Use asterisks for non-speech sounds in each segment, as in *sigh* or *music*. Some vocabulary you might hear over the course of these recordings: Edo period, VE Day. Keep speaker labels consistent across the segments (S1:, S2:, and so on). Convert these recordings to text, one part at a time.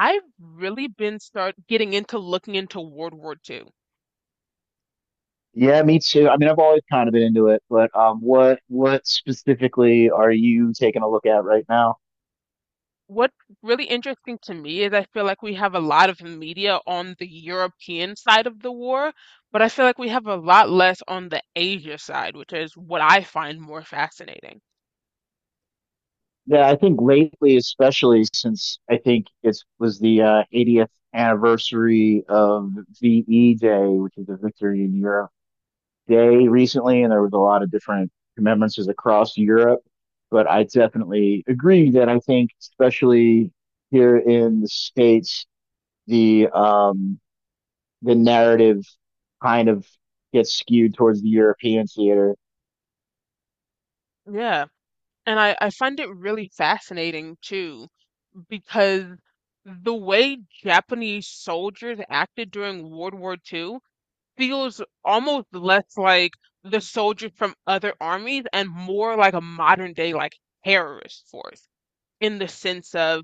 S1: I've really been start getting into looking into World War II.
S2: Yeah, me too. I mean, I've always kind of been into it, but what specifically are you taking a look at right now?
S1: What's really interesting to me is I feel like we have a lot of media on the European side of the war, but I feel like we have a lot less on the Asia side, which is what I find more fascinating.
S2: Yeah, I think lately, especially since I think it was the 80th anniversary of VE Day, which is the Victory in Europe Day recently, and there was a lot of different commemorances across Europe. But I definitely agree that I think, especially here in the States, the um, the narrative kind of gets skewed towards the European theater.
S1: Yeah. And I find it really fascinating too, because the way Japanese soldiers acted during World War II feels almost less like the soldiers from other armies and more like a modern day like terrorist force, in the sense of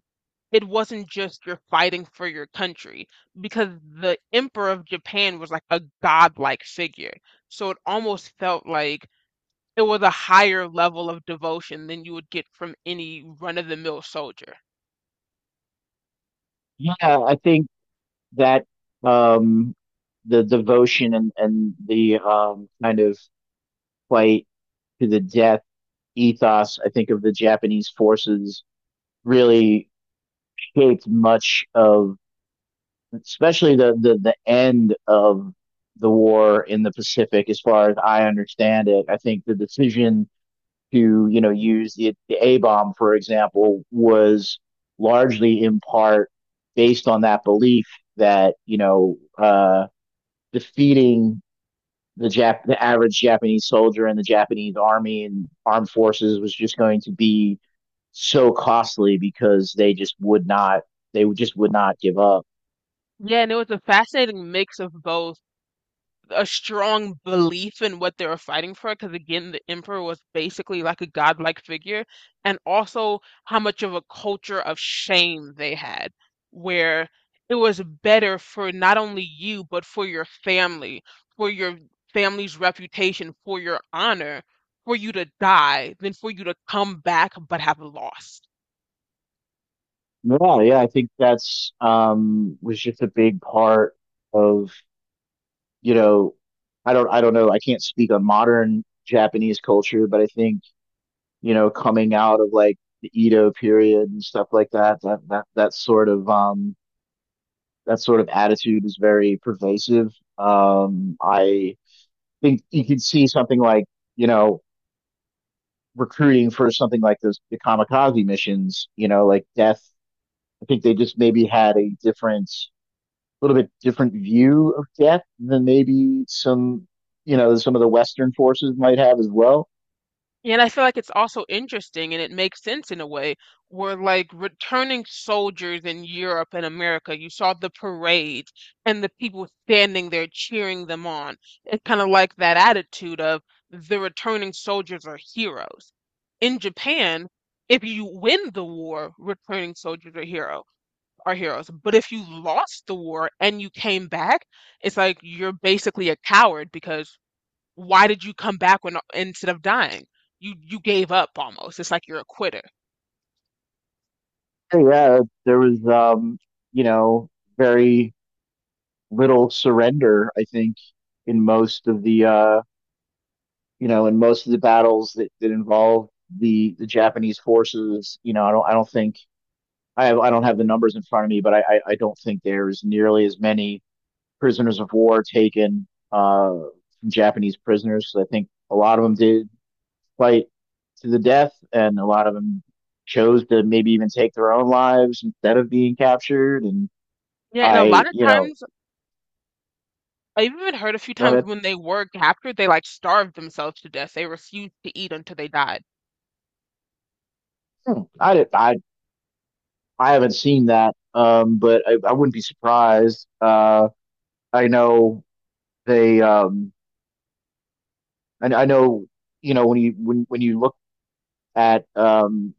S1: it wasn't just you're fighting for your country, because the Emperor of Japan was like a godlike figure. So it almost felt like it was a higher level of devotion than you would get from any run-of-the-mill soldier.
S2: Yeah, I think that um, the devotion and the kind of fight to the death ethos, I think, of the Japanese forces really shaped much of, especially the end of the war in the Pacific, as far as I understand it. I think the decision to you know use the A bomb, for example, was largely in part based on that belief that you know defeating the the average Japanese soldier and the Japanese army and armed forces was just going to be so costly because they just would not just would not give up.
S1: Yeah, and it was a fascinating mix of both a strong belief in what they were fighting for, because again the emperor was basically like a godlike figure, and also how much of a culture of shame they had, where it was better for not only you but for your family, for your family's reputation, for your honor, for you to die than for you to come back but have lost.
S2: No, yeah, I think that's was just a big part of you know, I don't know, I can't speak on modern Japanese culture, but I think, you know, coming out of like the Edo period and stuff like that, that sort of that sort of attitude is very pervasive. I think you could see something like, you know, recruiting for something like those the kamikaze missions, you know, like death. I think they just maybe had a different little bit different view of death than maybe some, you know, some of the Western forces might have as well.
S1: And I feel like it's also interesting, and it makes sense in a way, where, like, returning soldiers in Europe and America, you saw the parade and the people standing there cheering them on. It's kind of like that attitude of the returning soldiers are heroes. In Japan, if you win the war, returning soldiers are heroes. But if you lost the war and you came back, it's like you're basically a coward, because why did you come back when instead of dying? You gave up almost. It's like you're a quitter.
S2: So, yeah, there was, you know, very little surrender, I think, in most of the, you know, in most of the battles that involve the Japanese forces. You know, I don't think I have, I don't have the numbers in front of me, but I don't think there's nearly as many prisoners of war taken from Japanese prisoners. So I think a lot of them did fight to the death, and a lot of them chose to maybe even take their own lives instead of being captured. And
S1: Yeah, and a lot
S2: I,
S1: of
S2: you know,
S1: times I've even heard a few
S2: go
S1: times
S2: ahead.
S1: when they were captured, they like starved themselves to death. They refused to eat until they died.
S2: Hmm, I did, I haven't seen that, but I wouldn't be surprised. I know they, and I know you know when you when you look at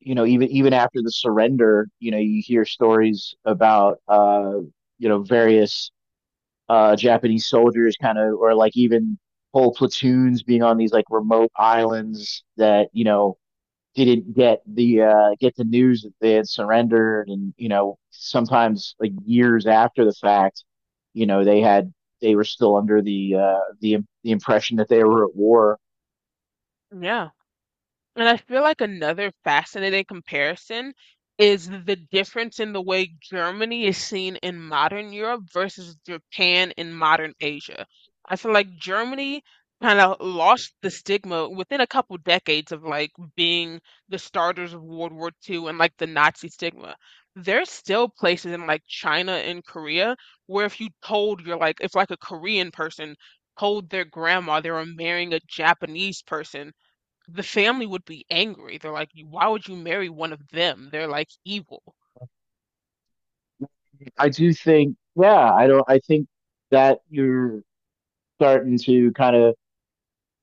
S2: you know even after the surrender, you know you hear stories about you know various Japanese soldiers kind of, or like even whole platoons being on these like remote islands that you know didn't get the news that they had surrendered, and you know sometimes like years after the fact, you know they had they were still under the the impression that they were at war.
S1: Yeah. And I feel like another fascinating comparison is the difference in the way Germany is seen in modern Europe versus Japan in modern Asia. I feel like Germany kind of lost the stigma within a couple decades of like being the starters of World War II and like the Nazi stigma. There's still places in like China and Korea where, if you told, you're like, if like a Korean person told their grandma they were marrying a Japanese person, the family would be angry. They're like, why would you marry one of them? They're like evil.
S2: I do think, yeah, I don't. I think that you're starting to kind of,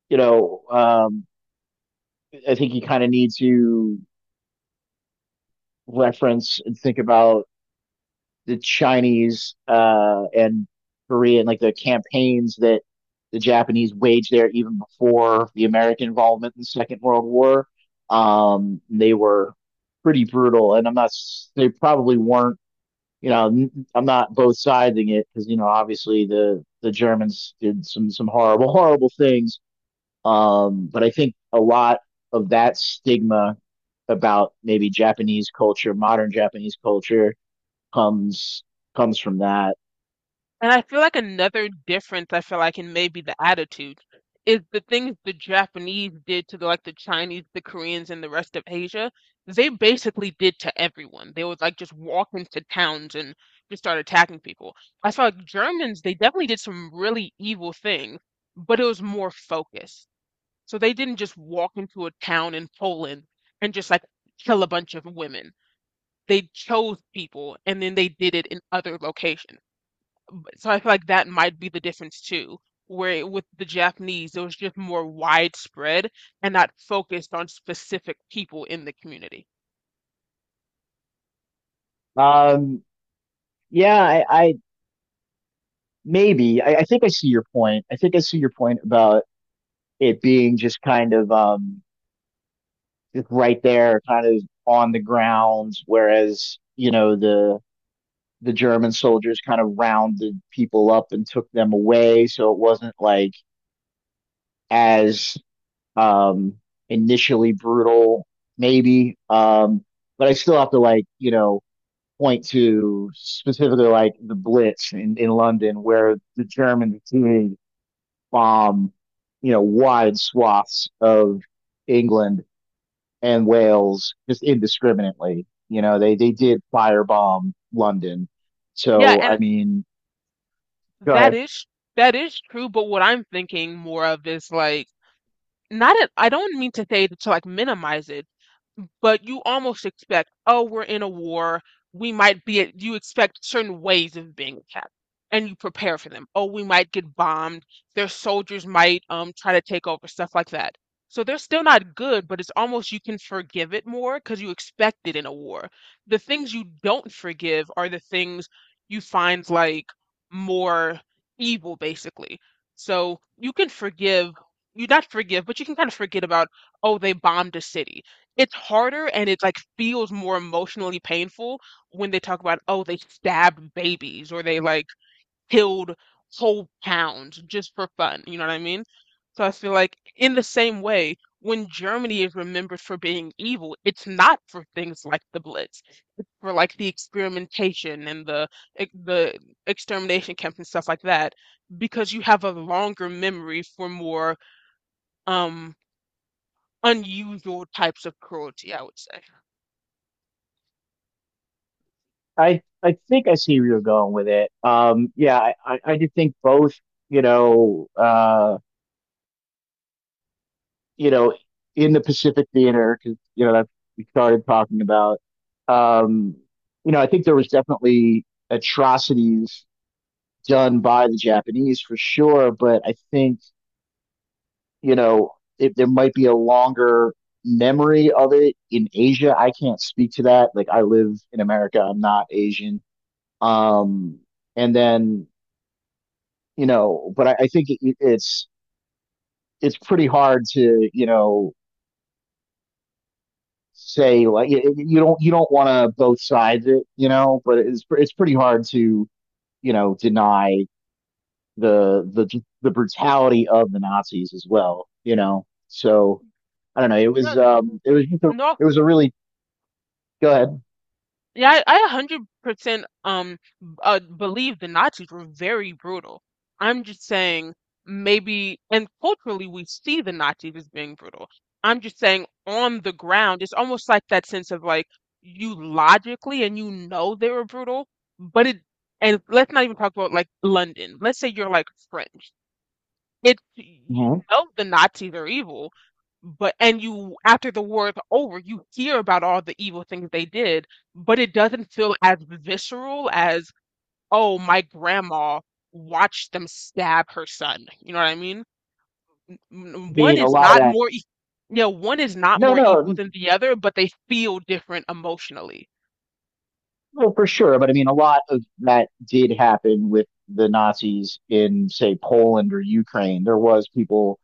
S2: you know, I think you kind of need to reference and think about the Chinese and Korean, like the campaigns that the Japanese waged there even before the American involvement in the Second World War. They were pretty brutal, and I'm not. They probably weren't. You know, I'm not both siding it because you know, obviously the Germans did some horrible, *laughs* horrible things. But I think a lot of that stigma about maybe Japanese culture, modern Japanese culture comes comes from that.
S1: And I feel like another difference I feel like in maybe the attitude is the things the Japanese did to the, like the Chinese, the Koreans, and the rest of Asia. They basically did to everyone. They would like just walk into towns and just start attacking people. I feel like Germans, they definitely did some really evil things, but it was more focused. So they didn't just walk into a town in Poland and just like kill a bunch of women. They chose people, and then they did it in other locations. So I feel like that might be the difference too, where with the Japanese, it was just more widespread and not focused on specific people in the community.
S2: Um, yeah, I think I see your point. I think I see your point about it being just kind of just right there, kind of on the ground, whereas you know the German soldiers kind of rounded people up and took them away, so it wasn't like as um initially brutal, maybe. But I still have to like you know point to specifically like the Blitz in London, where the Germans continued to bomb, you know, wide swaths of England and Wales just indiscriminately. You know, they did firebomb London.
S1: Yeah,
S2: So
S1: and
S2: I mean, go
S1: that
S2: ahead.
S1: is that is true, but what I'm thinking more of is like, not at, I don't mean to say to like minimize it. But you almost expect, oh, we're in a war. We might be at, you expect certain ways of being attacked, and you prepare for them. Oh, we might get bombed. Their soldiers might try to take over, stuff like that. So they're still not good, but it's almost you can forgive it more because you expect it in a war. The things you don't forgive are the things you find like more evil, basically. So you can forgive, you not forgive, but you can kind of forget about, oh, they bombed a city. It's harder, and it like feels more emotionally painful when they talk about, oh, they stabbed babies or they like killed whole towns just for fun. You know what I mean? So I feel like, in the same way, when Germany is remembered for being evil, it's not for things like the Blitz, for like the experimentation and the the extermination camps and stuff like that, because you have a longer memory for more um unusual types of cruelty, I would say.
S2: I think I see where you're going with it. Yeah, I do think both. You know, uh, you know, in the Pacific Theater, because you know that we started talking about. Um, you know, I think there was definitely atrocities done by the Japanese for sure, but I think you know it, there might be a longer memory of it in Asia. I can't speak to that. Like I live in America, I'm not Asian. Um, and then you know, but I think it's pretty hard to you know say like you, you don't want to both sides it, you know, but it's pretty hard to you know deny the the the brutality of the Nazis as well, you know. So I don't know. It was just a,
S1: No,
S2: it was a really go ahead.
S1: yeah, I 100% believe the Nazis were very brutal. I'm just saying maybe, and culturally we see the Nazis as being brutal. I'm just saying, on the ground, it's almost like that sense of like, you logically and you know they were brutal, but it, and let's not even talk about like London. Let's say you're like French. It's, you
S2: Mhm.
S1: know, the Nazis are evil, but and you, after the war is over, you hear about all the evil things they did, but it doesn't feel as visceral as, oh, my grandma watched them stab her son. You know what I mean?
S2: I
S1: One
S2: mean, a
S1: is
S2: lot of
S1: not
S2: that.
S1: more, yeah, one is not
S2: No,
S1: more evil
S2: no,
S1: than the other, but they feel different emotionally.
S2: Well, for sure, but I mean, a lot of that did happen with the Nazis in, say, Poland or Ukraine. There was people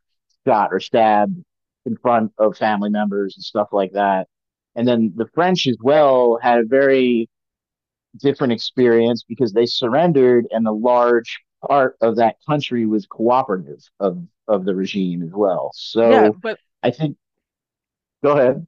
S2: shot or stabbed in front of family members and stuff like that. And then the French as well had a very different experience because they surrendered, and a large part of that country was cooperative of the regime as well.
S1: Yeah,
S2: So
S1: but,
S2: I think, go ahead.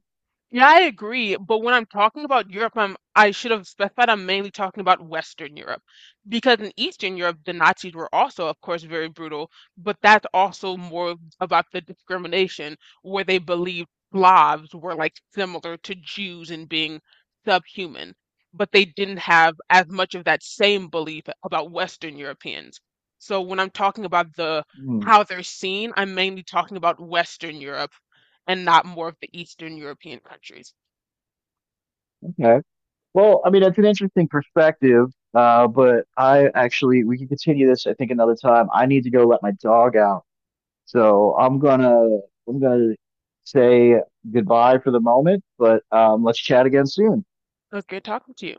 S1: yeah, I agree. But when I'm talking about Europe, I should have specified I'm mainly talking about Western Europe. Because in Eastern Europe, the Nazis were also, of course, very brutal, but that's also more about the discrimination, where they believed Slavs were like similar to Jews in being subhuman. But they didn't have as much of that same belief about Western Europeans. So when I'm talking about the
S2: Hmm,
S1: how they're seen, I'm mainly talking about Western Europe and not more of the Eastern European countries.
S2: okay. Well, I mean, it's an interesting perspective, but I actually, we can continue this, I think, another time. I need to go let my dog out. So I'm gonna say goodbye for the moment, but let's chat again soon.
S1: It was good talking to you.